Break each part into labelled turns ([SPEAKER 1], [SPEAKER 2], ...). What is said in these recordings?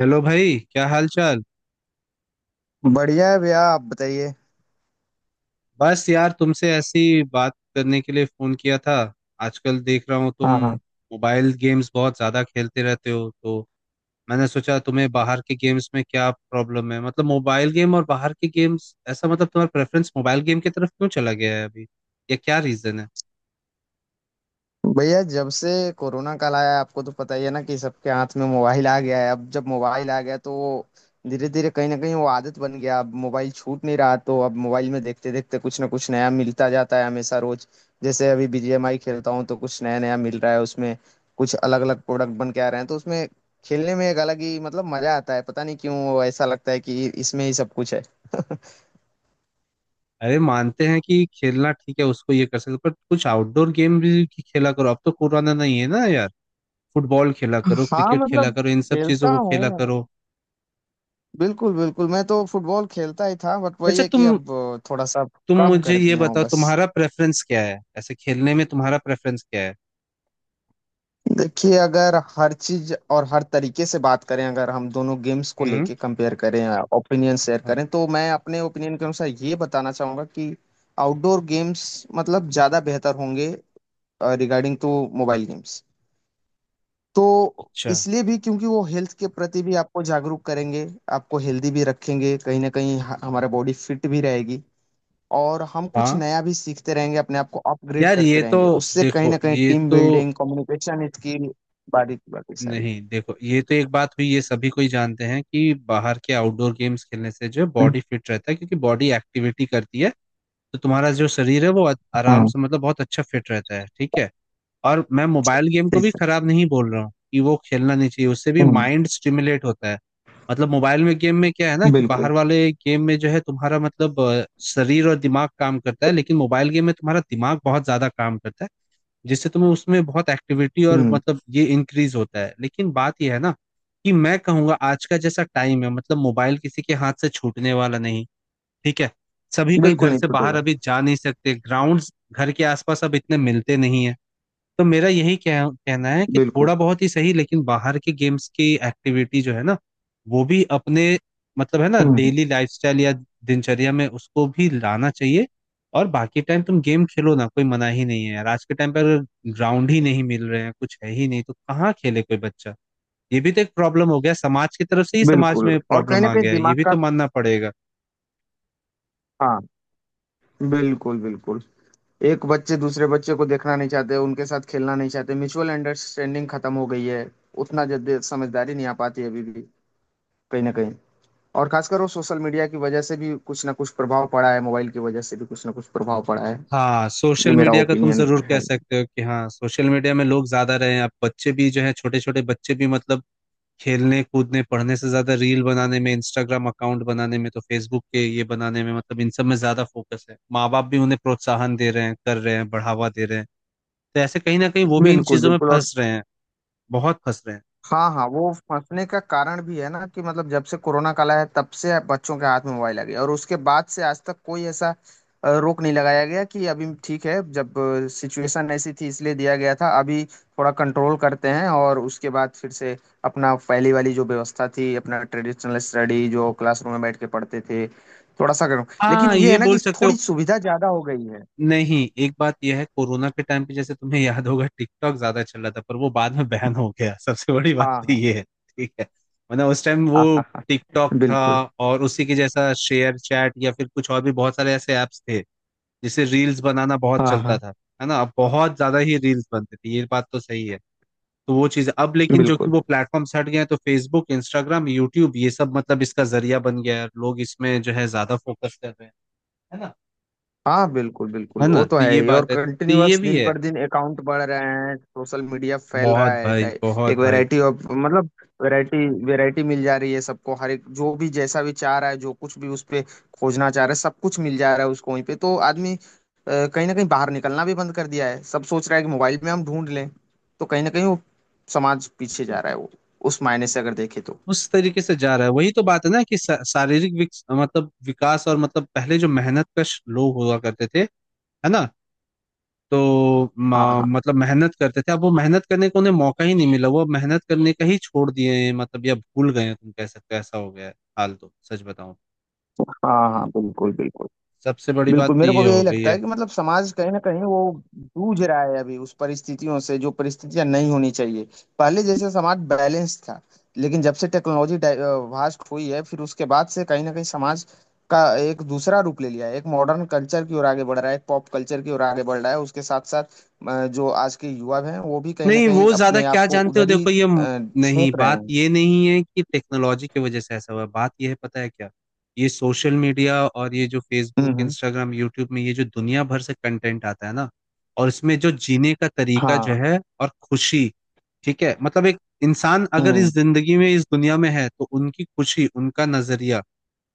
[SPEAKER 1] Hello भाई, क्या हाल चाल।
[SPEAKER 2] बढ़िया है भैया, आप बताइए।
[SPEAKER 1] बस यार, तुमसे ऐसी बात करने के लिए फोन किया था। आजकल देख रहा हूँ तुम
[SPEAKER 2] हाँ हाँ।
[SPEAKER 1] मोबाइल गेम्स बहुत ज्यादा खेलते रहते हो। तो मैंने सोचा, तुम्हें बाहर के गेम्स में क्या प्रॉब्लम है? मतलब मोबाइल गेम और बाहर के गेम्स, ऐसा मतलब तुम्हारा प्रेफरेंस मोबाइल गेम की तरफ क्यों चला गया है अभी, या क्या रीजन है?
[SPEAKER 2] भैया जब से कोरोना काल आया है, आपको तो पता ही है ना कि सबके हाथ में मोबाइल आ गया है। अब जब मोबाइल आ गया तो वो धीरे धीरे कहीं ना कहीं वो आदत बन गया। अब मोबाइल छूट नहीं रहा, तो अब मोबाइल में देखते देखते कुछ ना कुछ नया मिलता जाता है हमेशा रोज। जैसे अभी बीजीएमआई खेलता हूँ तो कुछ नया नया मिल रहा है उसमें। कुछ अलग अलग प्रोडक्ट बन के आ रहे हैं, तो उसमें खेलने में एक अलग ही मतलब मजा आता है। पता नहीं क्यों ऐसा लगता है कि इसमें ही सब कुछ है।
[SPEAKER 1] अरे, मानते हैं कि खेलना ठीक है, उसको ये कर सकते हो, पर कुछ आउटडोर गेम भी खेला करो। अब तो कोरोना नहीं है ना यार। फुटबॉल खेला करो,
[SPEAKER 2] हाँ
[SPEAKER 1] क्रिकेट खेला
[SPEAKER 2] मतलब
[SPEAKER 1] करो, इन सब चीजों
[SPEAKER 2] खेलता
[SPEAKER 1] को खेला
[SPEAKER 2] हूँ।
[SPEAKER 1] करो।
[SPEAKER 2] बिल्कुल बिल्कुल, मैं तो फुटबॉल खेलता ही था, बट वही
[SPEAKER 1] अच्छा,
[SPEAKER 2] है कि
[SPEAKER 1] तुम
[SPEAKER 2] अब थोड़ा सा
[SPEAKER 1] तुम
[SPEAKER 2] कम
[SPEAKER 1] मुझे
[SPEAKER 2] कर
[SPEAKER 1] ये
[SPEAKER 2] दिया हूँ
[SPEAKER 1] बताओ,
[SPEAKER 2] बस।
[SPEAKER 1] तुम्हारा प्रेफरेंस क्या है? ऐसे खेलने में तुम्हारा प्रेफरेंस क्या है?
[SPEAKER 2] देखिए, अगर हर चीज और हर तरीके से बात करें, अगर हम दोनों गेम्स को
[SPEAKER 1] हम्म।
[SPEAKER 2] लेके कंपेयर करें, ओपिनियन शेयर
[SPEAKER 1] हाँ।
[SPEAKER 2] करें, तो मैं अपने ओपिनियन के अनुसार ये बताना चाहूंगा कि आउटडोर गेम्स मतलब ज्यादा बेहतर होंगे रिगार्डिंग टू मोबाइल गेम्स। तो
[SPEAKER 1] अच्छा।
[SPEAKER 2] इसलिए भी क्योंकि वो हेल्थ के प्रति भी आपको जागरूक करेंगे, आपको हेल्दी भी रखेंगे, कहीं ना कहीं हमारा बॉडी फिट भी रहेगी। और हम कुछ
[SPEAKER 1] हाँ
[SPEAKER 2] नया भी सीखते रहेंगे, अपने आप को अपग्रेड
[SPEAKER 1] यार,
[SPEAKER 2] करते
[SPEAKER 1] ये तो
[SPEAKER 2] रहेंगे, उससे कहीं
[SPEAKER 1] देखो
[SPEAKER 2] ना कहीं
[SPEAKER 1] ये
[SPEAKER 2] टीम
[SPEAKER 1] तो
[SPEAKER 2] बिल्डिंग, कम्युनिकेशन स्किल, बारी की बाकी सारी।
[SPEAKER 1] नहीं देखो, ये तो एक बात हुई। ये सभी कोई जानते हैं कि बाहर के आउटडोर गेम्स खेलने से जो है बॉडी फिट रहता है, क्योंकि बॉडी एक्टिविटी करती है। तो तुम्हारा जो शरीर है वो आराम
[SPEAKER 2] हाँ,
[SPEAKER 1] से मतलब बहुत अच्छा फिट रहता है, ठीक है। और मैं मोबाइल गेम को
[SPEAKER 2] ठीक
[SPEAKER 1] भी
[SPEAKER 2] है।
[SPEAKER 1] खराब नहीं बोल रहा हूँ कि वो खेलना नहीं चाहिए, उससे भी
[SPEAKER 2] हम्म,
[SPEAKER 1] माइंड स्टिमुलेट होता है। मतलब मोबाइल में गेम में क्या है ना, कि
[SPEAKER 2] बिल्कुल।
[SPEAKER 1] बाहर वाले गेम में जो है तुम्हारा मतलब शरीर और दिमाग काम करता है, लेकिन मोबाइल गेम में तुम्हारा दिमाग बहुत ज्यादा काम करता है। जिससे तुम्हें उसमें बहुत एक्टिविटी और
[SPEAKER 2] हम्म।
[SPEAKER 1] मतलब ये इंक्रीज होता है। लेकिन बात यह है ना कि मैं कहूंगा आज का जैसा टाइम है, मतलब मोबाइल किसी के हाथ से छूटने वाला नहीं, ठीक है। सभी कोई
[SPEAKER 2] बिल्कुल
[SPEAKER 1] घर
[SPEAKER 2] नहीं
[SPEAKER 1] से बाहर
[SPEAKER 2] छूटेगा।
[SPEAKER 1] अभी जा नहीं सकते, ग्राउंड्स घर के आसपास अब इतने मिलते नहीं है। तो मेरा यही कहना है कि थोड़ा
[SPEAKER 2] बिल्कुल।
[SPEAKER 1] बहुत ही सही, लेकिन बाहर के गेम्स की एक्टिविटी जो है ना, वो भी अपने मतलब है ना
[SPEAKER 2] हम्म।
[SPEAKER 1] डेली लाइफस्टाइल या दिनचर्या में उसको भी लाना चाहिए। और बाकी टाइम तुम गेम खेलो ना, कोई मना ही नहीं है यार। आज के टाइम पर अगर ग्राउंड ही नहीं मिल रहे हैं, कुछ है ही नहीं, तो कहाँ खेले कोई बच्चा? ये भी तो एक प्रॉब्लम हो गया, समाज की तरफ से ही समाज
[SPEAKER 2] बिल्कुल
[SPEAKER 1] में
[SPEAKER 2] और कहीं
[SPEAKER 1] प्रॉब्लम
[SPEAKER 2] ना
[SPEAKER 1] आ
[SPEAKER 2] कहीं
[SPEAKER 1] गया है, ये
[SPEAKER 2] दिमाग
[SPEAKER 1] भी
[SPEAKER 2] का।
[SPEAKER 1] तो मानना पड़ेगा।
[SPEAKER 2] हाँ, बिल्कुल बिल्कुल। एक बच्चे दूसरे बच्चे को देखना नहीं चाहते, उनके साथ खेलना नहीं चाहते, म्यूचुअल अंडरस्टैंडिंग खत्म हो गई है। उतना जल्दी समझदारी नहीं आ पाती है अभी भी कहीं ना कहीं। और खासकर वो सोशल मीडिया की वजह से भी कुछ ना कुछ प्रभाव पड़ा है, मोबाइल की वजह से भी कुछ ना कुछ प्रभाव पड़ा है।
[SPEAKER 1] हाँ,
[SPEAKER 2] ये
[SPEAKER 1] सोशल
[SPEAKER 2] मेरा
[SPEAKER 1] मीडिया का तुम
[SPEAKER 2] ओपिनियन
[SPEAKER 1] जरूर
[SPEAKER 2] है।
[SPEAKER 1] कह सकते हो कि हाँ सोशल मीडिया में लोग ज्यादा रहे हैं, अब बच्चे भी जो है, छोटे छोटे बच्चे भी मतलब खेलने कूदने पढ़ने से ज्यादा रील बनाने में, इंस्टाग्राम अकाउंट बनाने में, तो फेसबुक के ये बनाने में, मतलब इन सब में ज्यादा फोकस है। माँ बाप भी उन्हें प्रोत्साहन दे रहे हैं, कर रहे हैं, बढ़ावा दे रहे हैं। तो ऐसे कहीं ना कहीं वो भी इन
[SPEAKER 2] बिल्कुल
[SPEAKER 1] चीजों में
[SPEAKER 2] बिल्कुल। और
[SPEAKER 1] फंस रहे हैं, बहुत फंस रहे हैं।
[SPEAKER 2] हाँ हाँ, वो फंसने का कारण भी है ना कि मतलब जब से कोरोना काल आया है, तब से बच्चों के हाथ में मोबाइल आ गया, और उसके बाद से आज तक कोई ऐसा रोक नहीं लगाया गया कि अभी ठीक है, जब सिचुएशन ऐसी थी इसलिए दिया गया था, अभी थोड़ा कंट्रोल करते हैं और उसके बाद फिर से अपना पहली वाली जो व्यवस्था थी, अपना ट्रेडिशनल स्टडी जो क्लासरूम में बैठ के पढ़ते थे, थोड़ा सा करो। लेकिन
[SPEAKER 1] हाँ
[SPEAKER 2] ये
[SPEAKER 1] ये
[SPEAKER 2] है ना
[SPEAKER 1] बोल
[SPEAKER 2] कि
[SPEAKER 1] सकते हो।
[SPEAKER 2] थोड़ी सुविधा ज्यादा हो गई है।
[SPEAKER 1] नहीं, एक बात यह है, कोरोना के टाइम पे जैसे तुम्हें याद होगा, टिकटॉक ज्यादा चल रहा था, पर वो बाद में बैन हो गया सबसे बड़ी बात
[SPEAKER 2] हाँ
[SPEAKER 1] तो
[SPEAKER 2] हाँ।
[SPEAKER 1] ये है, ठीक है। वरना उस टाइम वो
[SPEAKER 2] हाँ हाँ। हाँ,
[SPEAKER 1] टिकटॉक था।
[SPEAKER 2] बिल्कुल।
[SPEAKER 1] और उसी के जैसा शेयर चैट या फिर कुछ और भी बहुत सारे ऐसे ऐप्स थे, जैसे रील्स बनाना बहुत
[SPEAKER 2] हाँ
[SPEAKER 1] चलता
[SPEAKER 2] हाँ।
[SPEAKER 1] था, है ना। अब बहुत ज्यादा ही रील्स बनते थे, ये बात तो सही है। तो वो चीज अब, लेकिन जो कि
[SPEAKER 2] बिल्कुल।
[SPEAKER 1] वो प्लेटफॉर्म हट गए हैं, तो फेसबुक, इंस्टाग्राम, यूट्यूब ये सब मतलब इसका जरिया बन गया है, लोग इसमें जो है ज्यादा फोकस कर रहे हैं, है ना।
[SPEAKER 2] हाँ। बिल्कुल बिल्कुल,
[SPEAKER 1] है ना,
[SPEAKER 2] वो तो
[SPEAKER 1] तो
[SPEAKER 2] है
[SPEAKER 1] ये
[SPEAKER 2] ही। और
[SPEAKER 1] बात है, तो ये
[SPEAKER 2] कंटिन्यूअस
[SPEAKER 1] भी
[SPEAKER 2] दिन
[SPEAKER 1] है।
[SPEAKER 2] पर दिन अकाउंट बढ़ रहे हैं, सोशल मीडिया फैल रहा
[SPEAKER 1] बहुत
[SPEAKER 2] है,
[SPEAKER 1] भाई, बहुत
[SPEAKER 2] एक
[SPEAKER 1] भाई।
[SPEAKER 2] वैरायटी ऑफ मतलब वैरायटी, वैरायटी मिल जा रही है सबको। हर एक जो भी जैसा भी चाह रहा है, जो कुछ भी उस पे खोजना चाह रहा है, सब कुछ मिल जा रहा है उसको वहीं पे। तो आदमी कहीं ना कहीं बाहर निकलना भी बंद कर दिया है, सब सोच रहा है कि मोबाइल में हम ढूंढ लें। तो कहीं ना कहीं वो समाज पीछे जा रहा है, वो उस मायने से अगर देखे तो।
[SPEAKER 1] उस तरीके से जा रहा है, वही तो बात है ना कि शारीरिक मतलब विकास, और मतलब पहले जो मेहनत कश लोग हुआ करते थे, है ना। तो
[SPEAKER 2] हाँ हाँ।
[SPEAKER 1] मतलब मेहनत करते थे, अब वो मेहनत करने को उन्हें मौका ही नहीं मिला, वो अब मेहनत करने का ही छोड़ दिए हैं, मतलब या भूल गए हैं, तुम कह सकते हो ऐसा हो गया है हाल, तो सच बताऊं
[SPEAKER 2] हाँ हाँ। बिल्कुल बिल्कुल।
[SPEAKER 1] सबसे बड़ी
[SPEAKER 2] बिल्कुल
[SPEAKER 1] बात तो
[SPEAKER 2] मेरे को
[SPEAKER 1] ये
[SPEAKER 2] भी यही
[SPEAKER 1] हो गई
[SPEAKER 2] लगता है
[SPEAKER 1] है।
[SPEAKER 2] कि मतलब समाज कहीं ना कहीं वो जूझ रहा है अभी उस परिस्थितियों से, जो परिस्थितियां नहीं होनी चाहिए। पहले जैसे समाज बैलेंस था, लेकिन जब से टेक्नोलॉजी वास्ट हुई है, फिर उसके बाद से कहीं ना कहीं समाज का एक दूसरा रूप ले लिया है। एक मॉडर्न कल्चर की ओर आगे बढ़ रहा है, एक पॉप कल्चर की ओर आगे बढ़ रहा है, उसके साथ साथ जो आज के युवा हैं वो भी कहीं ना
[SPEAKER 1] नहीं,
[SPEAKER 2] कहीं
[SPEAKER 1] वो ज्यादा
[SPEAKER 2] अपने
[SPEAKER 1] क्या
[SPEAKER 2] आप को
[SPEAKER 1] जानते हो,
[SPEAKER 2] उधर ही
[SPEAKER 1] देखो नहीं,
[SPEAKER 2] झोंक रहे
[SPEAKER 1] बात
[SPEAKER 2] हैं।
[SPEAKER 1] ये नहीं है कि टेक्नोलॉजी की वजह से ऐसा हुआ। बात ये है, पता है क्या, ये सोशल मीडिया और ये जो फेसबुक,
[SPEAKER 2] हम्म।
[SPEAKER 1] इंस्टाग्राम, यूट्यूब में ये जो दुनिया भर से कंटेंट आता है ना, और इसमें जो जीने का तरीका जो
[SPEAKER 2] हाँ।
[SPEAKER 1] है, और खुशी, ठीक है, मतलब एक इंसान अगर इस
[SPEAKER 2] हम्म।
[SPEAKER 1] जिंदगी में, इस दुनिया में है, तो उनकी खुशी, उनका नजरिया,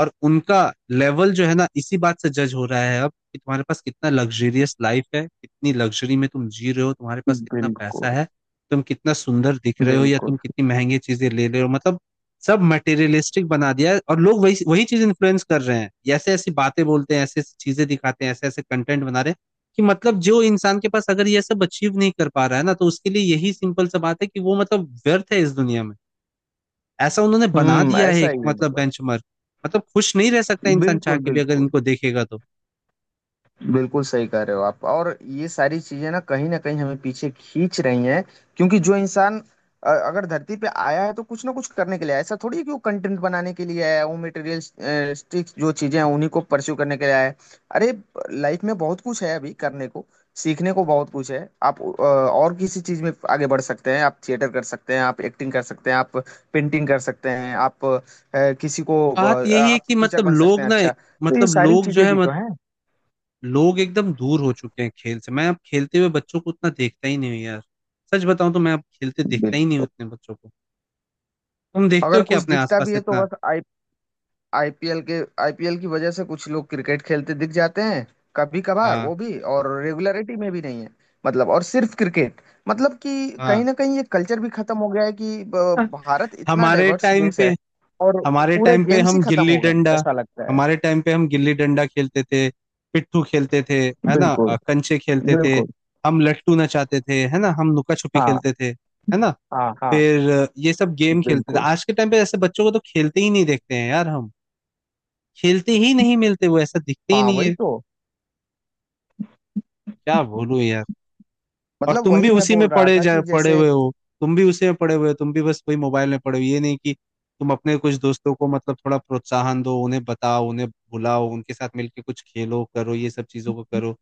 [SPEAKER 1] और उनका लेवल जो है ना, इसी बात से जज हो रहा है अब, कि तुम्हारे पास कितना लग्जरियस लाइफ है, कितनी लग्जरी में तुम जी रहे हो, तुम्हारे पास कितना पैसा
[SPEAKER 2] बिल्कुल
[SPEAKER 1] है, तुम कितना सुंदर दिख रहे हो, या
[SPEAKER 2] बिल्कुल।
[SPEAKER 1] तुम कितनी महंगी चीजें ले रहे हो, मतलब सब मटेरियलिस्टिक बना दिया है। और लोग वही वही चीज इन्फ्लुएंस कर रहे हैं, ऐसे ऐसी बातें बोलते हैं, ऐसे ऐसी चीजें दिखाते हैं, ऐसे ऐसे कंटेंट बना रहे हैं, कि मतलब जो इंसान के पास अगर ये सब अचीव नहीं कर पा रहा है ना, तो उसके लिए यही सिंपल सा बात है कि वो मतलब व्यर्थ है इस दुनिया में, ऐसा उन्होंने बना
[SPEAKER 2] हम्म,
[SPEAKER 1] दिया है
[SPEAKER 2] ऐसा
[SPEAKER 1] एक
[SPEAKER 2] ही है
[SPEAKER 1] मतलब
[SPEAKER 2] मतलब।
[SPEAKER 1] बेंचमार्क। मतलब खुश नहीं रह सकता इंसान, चाह
[SPEAKER 2] बिल्कुल,
[SPEAKER 1] के भी अगर
[SPEAKER 2] बिल्कुल।
[SPEAKER 1] इनको देखेगा तो।
[SPEAKER 2] बिल्कुल सही कह रहे हो आप। और ये सारी चीजें ना कहीं हमें पीछे खींच रही हैं, क्योंकि जो इंसान अगर धरती पे आया है तो कुछ ना कुछ करने के लिए आया है। ऐसा थोड़ी है कि वो कंटेंट बनाने के लिए आया है, वो मटेरियलिस्टिक जो चीजें हैं उन्हीं को परस्यू करने के लिए आया है। अरे, लाइफ में बहुत कुछ है अभी करने को, सीखने को बहुत कुछ है। आप और किसी चीज में आगे बढ़ सकते हैं, आप थिएटर कर सकते हैं, आप एक्टिंग कर सकते हैं, आप पेंटिंग कर सकते हैं, आप किसी को
[SPEAKER 1] बात यही है
[SPEAKER 2] आप
[SPEAKER 1] कि
[SPEAKER 2] टीचर
[SPEAKER 1] मतलब
[SPEAKER 2] बन सकते
[SPEAKER 1] लोग
[SPEAKER 2] हैं।
[SPEAKER 1] ना
[SPEAKER 2] अच्छा, तो ये
[SPEAKER 1] मतलब
[SPEAKER 2] सारी
[SPEAKER 1] लोग जो
[SPEAKER 2] चीजें
[SPEAKER 1] है
[SPEAKER 2] भी
[SPEAKER 1] मत,
[SPEAKER 2] तो हैं।
[SPEAKER 1] लोग एकदम दूर हो चुके हैं खेल से। मैं अब खेलते हुए बच्चों को उतना देखता ही नहीं हूँ यार, सच बताऊं तो मैं अब खेलते देखता ही नहीं हूँ
[SPEAKER 2] बिल्कुल।
[SPEAKER 1] उतने बच्चों को। तुम देखते हो
[SPEAKER 2] अगर
[SPEAKER 1] क्या
[SPEAKER 2] कुछ
[SPEAKER 1] अपने
[SPEAKER 2] दिखता
[SPEAKER 1] आसपास
[SPEAKER 2] भी है तो
[SPEAKER 1] इतना?
[SPEAKER 2] बस आई आईपीएल के, आईपीएल की वजह से कुछ लोग क्रिकेट खेलते दिख जाते हैं, कभी कभार।
[SPEAKER 1] हाँ
[SPEAKER 2] वो भी, और रेगुलरिटी में भी नहीं है। मतलब और सिर्फ क्रिकेट, मतलब कि कहीं
[SPEAKER 1] हाँ।
[SPEAKER 2] ना कहीं ये कल्चर भी खत्म हो गया है कि भारत इतना
[SPEAKER 1] हमारे
[SPEAKER 2] डाइवर्स
[SPEAKER 1] टाइम
[SPEAKER 2] देश
[SPEAKER 1] पे
[SPEAKER 2] है, और
[SPEAKER 1] हमारे
[SPEAKER 2] पूरे
[SPEAKER 1] टाइम पे
[SPEAKER 2] गेम्स ही
[SPEAKER 1] हम
[SPEAKER 2] खत्म
[SPEAKER 1] गिल्ली
[SPEAKER 2] हो गए हैं,
[SPEAKER 1] डंडा
[SPEAKER 2] ऐसा लगता है।
[SPEAKER 1] हमारे टाइम पे हम गिल्ली डंडा खेलते थे, पिट्ठू खेलते थे, है ना,
[SPEAKER 2] बिल्कुल
[SPEAKER 1] कंचे खेलते थे,
[SPEAKER 2] बिल्कुल।
[SPEAKER 1] हम लट्टू नचाते थे, है ना, हम लुका छुपी
[SPEAKER 2] हाँ
[SPEAKER 1] खेलते थे, है ना,
[SPEAKER 2] हाँ। हाँ,
[SPEAKER 1] फिर ये सब गेम खेलते थे।
[SPEAKER 2] बिल्कुल।
[SPEAKER 1] आज के टाइम पे ऐसे बच्चों को तो खेलते ही नहीं देखते हैं यार हम, खेलते ही नहीं मिलते, वो ऐसा दिखते ही
[SPEAKER 2] हाँ,
[SPEAKER 1] नहीं
[SPEAKER 2] वही
[SPEAKER 1] है,
[SPEAKER 2] तो।
[SPEAKER 1] क्या बोलूं यार। और
[SPEAKER 2] मतलब
[SPEAKER 1] तुम भी
[SPEAKER 2] वही मैं
[SPEAKER 1] उसी में
[SPEAKER 2] बोल रहा था कि
[SPEAKER 1] पड़े
[SPEAKER 2] जैसे।
[SPEAKER 1] हुए हो, तुम भी उसी में पड़े हुए हो, तुम भी बस वही मोबाइल में पड़े हो, ये नहीं कि तुम अपने कुछ दोस्तों को मतलब थोड़ा प्रोत्साहन दो, उन्हें बताओ, उन्हें बुलाओ, उनके साथ मिलके कुछ खेलो करो, ये सब चीजों को करो।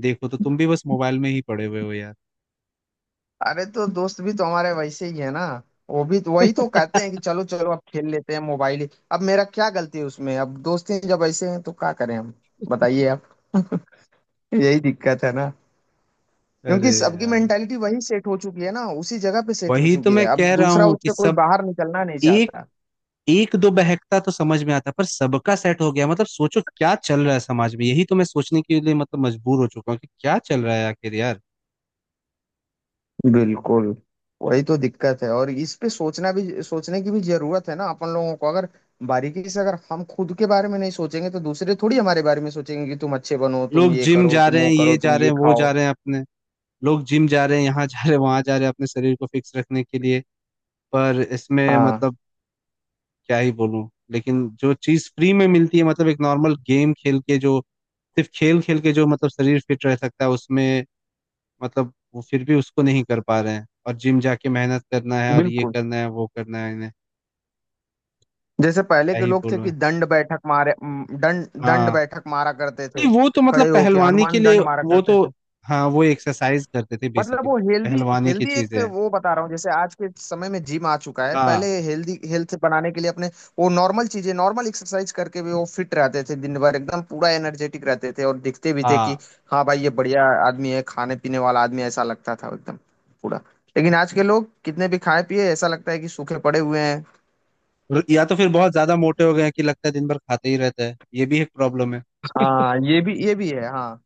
[SPEAKER 1] देखो, तो तुम भी बस मोबाइल में ही पड़े हुए हो यार।
[SPEAKER 2] अरे तो दोस्त भी तो हमारे वैसे ही है ना। वो भी तो वही तो कहते हैं कि चलो चलो, अब खेल लेते हैं मोबाइल ही। अब मेरा क्या गलती है उसमें? अब दोस्त ही जब ऐसे हैं तो क्या करें हम? बताइए आप। यही दिक्कत है ना,
[SPEAKER 1] अरे
[SPEAKER 2] क्योंकि सबकी
[SPEAKER 1] यार,
[SPEAKER 2] मेंटालिटी वही सेट हो चुकी है ना, उसी जगह पे सेट हो
[SPEAKER 1] वही तो
[SPEAKER 2] चुकी है।
[SPEAKER 1] मैं
[SPEAKER 2] अब
[SPEAKER 1] कह रहा
[SPEAKER 2] दूसरा
[SPEAKER 1] हूँ कि
[SPEAKER 2] उससे कोई
[SPEAKER 1] सब,
[SPEAKER 2] बाहर निकलना नहीं
[SPEAKER 1] एक,
[SPEAKER 2] चाहता।
[SPEAKER 1] एक दो बहकता तो समझ में आता, पर सबका सेट हो गया, मतलब सोचो क्या चल रहा है समाज में, यही तो मैं सोचने के लिए मतलब मजबूर हो चुका हूँ कि क्या चल रहा है आखिर यार।
[SPEAKER 2] बिल्कुल, वही तो दिक्कत है। और इस पे सोचना भी, सोचने की भी जरूरत है ना अपन लोगों को। अगर बारीकी से अगर हम खुद के बारे में नहीं सोचेंगे तो दूसरे थोड़ी हमारे बारे में सोचेंगे कि तुम अच्छे बनो, तुम
[SPEAKER 1] लोग
[SPEAKER 2] ये
[SPEAKER 1] जिम
[SPEAKER 2] करो,
[SPEAKER 1] जा
[SPEAKER 2] तुम
[SPEAKER 1] रहे
[SPEAKER 2] वो
[SPEAKER 1] हैं
[SPEAKER 2] करो,
[SPEAKER 1] ये जा
[SPEAKER 2] तुम
[SPEAKER 1] रहे
[SPEAKER 2] ये
[SPEAKER 1] हैं वो
[SPEAKER 2] खाओ।
[SPEAKER 1] जा रहे हैं अपने लोग जिम जा रहे हैं, यहाँ जा रहे हैं, वहां जा रहे हैं, अपने शरीर को फिक्स रखने के लिए। पर इसमें
[SPEAKER 2] हाँ।
[SPEAKER 1] मतलब क्या ही बोलूं, लेकिन जो चीज फ्री में मिलती है, मतलब एक नॉर्मल गेम खेल के जो, सिर्फ खेल खेल के जो मतलब शरीर फिट रह सकता है उसमें, मतलब वो फिर भी उसको नहीं कर पा रहे हैं, और जिम जाके मेहनत करना है और ये
[SPEAKER 2] बिल्कुल।
[SPEAKER 1] करना है वो करना है इन्हें,
[SPEAKER 2] जैसे पहले
[SPEAKER 1] क्या
[SPEAKER 2] के
[SPEAKER 1] ही
[SPEAKER 2] लोग थे
[SPEAKER 1] बोलूं।
[SPEAKER 2] कि दंड बैठक मारे, दंड दंड
[SPEAKER 1] हाँ।
[SPEAKER 2] बैठक मारा करते
[SPEAKER 1] नहीं,
[SPEAKER 2] थे,
[SPEAKER 1] वो तो मतलब
[SPEAKER 2] खड़े होके
[SPEAKER 1] पहलवानी के
[SPEAKER 2] हनुमान
[SPEAKER 1] लिए।
[SPEAKER 2] दंड मारा
[SPEAKER 1] वो
[SPEAKER 2] करते
[SPEAKER 1] तो
[SPEAKER 2] थे।
[SPEAKER 1] हाँ, वो एक्सरसाइज करते थे
[SPEAKER 2] मतलब
[SPEAKER 1] बेसिकली,
[SPEAKER 2] वो हेल्दी,
[SPEAKER 1] पहलवानी की
[SPEAKER 2] हेल्दी एक
[SPEAKER 1] चीजें हैं।
[SPEAKER 2] वो बता रहा हूँ। जैसे आज के समय में जिम आ चुका है, पहले
[SPEAKER 1] हाँ
[SPEAKER 2] हेल्दी, हेल्थ बनाने के लिए अपने वो नॉर्मल चीजें, नॉर्मल एक्सरसाइज करके भी वो फिट रहते थे, दिन भर एकदम पूरा एनर्जेटिक रहते थे, और दिखते भी थे कि
[SPEAKER 1] हाँ।
[SPEAKER 2] हाँ भाई, ये बढ़िया आदमी है, खाने पीने वाला आदमी है, ऐसा लगता था एकदम पूरा। लेकिन आज के लोग कितने भी खाए पिए, ऐसा लगता है कि सूखे पड़े हुए हैं।
[SPEAKER 1] और या तो फिर बहुत ज्यादा मोटे हो गए हैं कि लगता है दिन भर खाते ही रहता है, ये भी एक प्रॉब्लम है,
[SPEAKER 2] हाँ, ये भी, ये भी है हाँ।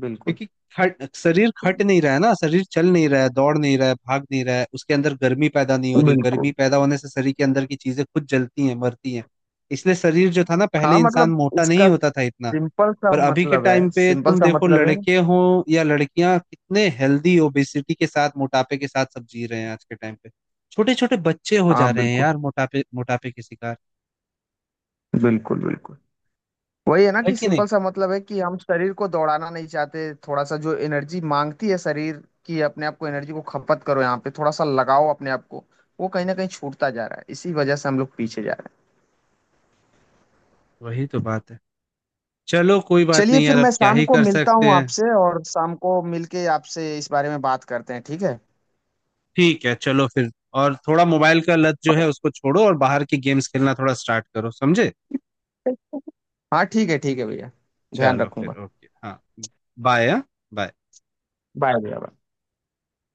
[SPEAKER 2] बिल्कुल
[SPEAKER 1] क्योंकि खट शरीर खट नहीं रहा है ना, शरीर चल नहीं रहा है, दौड़ नहीं रहा है, भाग नहीं रहा है, उसके अंदर गर्मी पैदा नहीं हो रही, गर्मी
[SPEAKER 2] बिल्कुल।
[SPEAKER 1] पैदा होने से शरीर के अंदर की चीजें खुद जलती हैं, मरती हैं, इसलिए शरीर जो था ना,
[SPEAKER 2] हाँ
[SPEAKER 1] पहले इंसान
[SPEAKER 2] मतलब
[SPEAKER 1] मोटा नहीं
[SPEAKER 2] इसका
[SPEAKER 1] होता था इतना।
[SPEAKER 2] सिंपल सा
[SPEAKER 1] पर अभी के
[SPEAKER 2] मतलब है,
[SPEAKER 1] टाइम पे
[SPEAKER 2] सिंपल
[SPEAKER 1] तुम
[SPEAKER 2] सा
[SPEAKER 1] देखो,
[SPEAKER 2] मतलब है।
[SPEAKER 1] लड़के हो या लड़कियां, कितने हेल्दी ओबेसिटी के साथ, मोटापे के साथ सब जी रहे हैं आज के टाइम पे। छोटे छोटे बच्चे हो
[SPEAKER 2] हाँ
[SPEAKER 1] जा रहे हैं
[SPEAKER 2] बिल्कुल।
[SPEAKER 1] यार मोटापे मोटापे के शिकार,
[SPEAKER 2] बिल्कुल बिल्कुल। वही है ना
[SPEAKER 1] है
[SPEAKER 2] कि
[SPEAKER 1] कि नहीं?
[SPEAKER 2] सिंपल सा मतलब है कि हम शरीर को दौड़ाना नहीं चाहते। थोड़ा सा जो एनर्जी मांगती है शरीर की, अपने आप को एनर्जी को खपत करो, यहाँ पे थोड़ा सा लगाओ अपने आप को। वो कहीं ना कहीं छूटता जा रहा है, इसी वजह से हम लोग पीछे जा रहे हैं।
[SPEAKER 1] वही तो बात है, चलो कोई बात
[SPEAKER 2] चलिए
[SPEAKER 1] नहीं
[SPEAKER 2] फिर
[SPEAKER 1] यार, अब
[SPEAKER 2] मैं
[SPEAKER 1] क्या
[SPEAKER 2] शाम
[SPEAKER 1] ही
[SPEAKER 2] को
[SPEAKER 1] कर
[SPEAKER 2] मिलता
[SPEAKER 1] सकते
[SPEAKER 2] हूँ
[SPEAKER 1] हैं।
[SPEAKER 2] आपसे, और शाम को मिलके आपसे इस बारे में बात करते हैं, ठीक है।
[SPEAKER 1] ठीक है, चलो फिर। और थोड़ा मोबाइल का लत जो है उसको छोड़ो, और बाहर की गेम्स खेलना थोड़ा स्टार्ट करो, समझे।
[SPEAKER 2] हाँ ठीक है, ठीक है भैया, ध्यान
[SPEAKER 1] चलो फिर,
[SPEAKER 2] रखूंगा।
[SPEAKER 1] ओके, हाँ। बाय। हाँ, बाय।
[SPEAKER 2] बाय भैया, bye।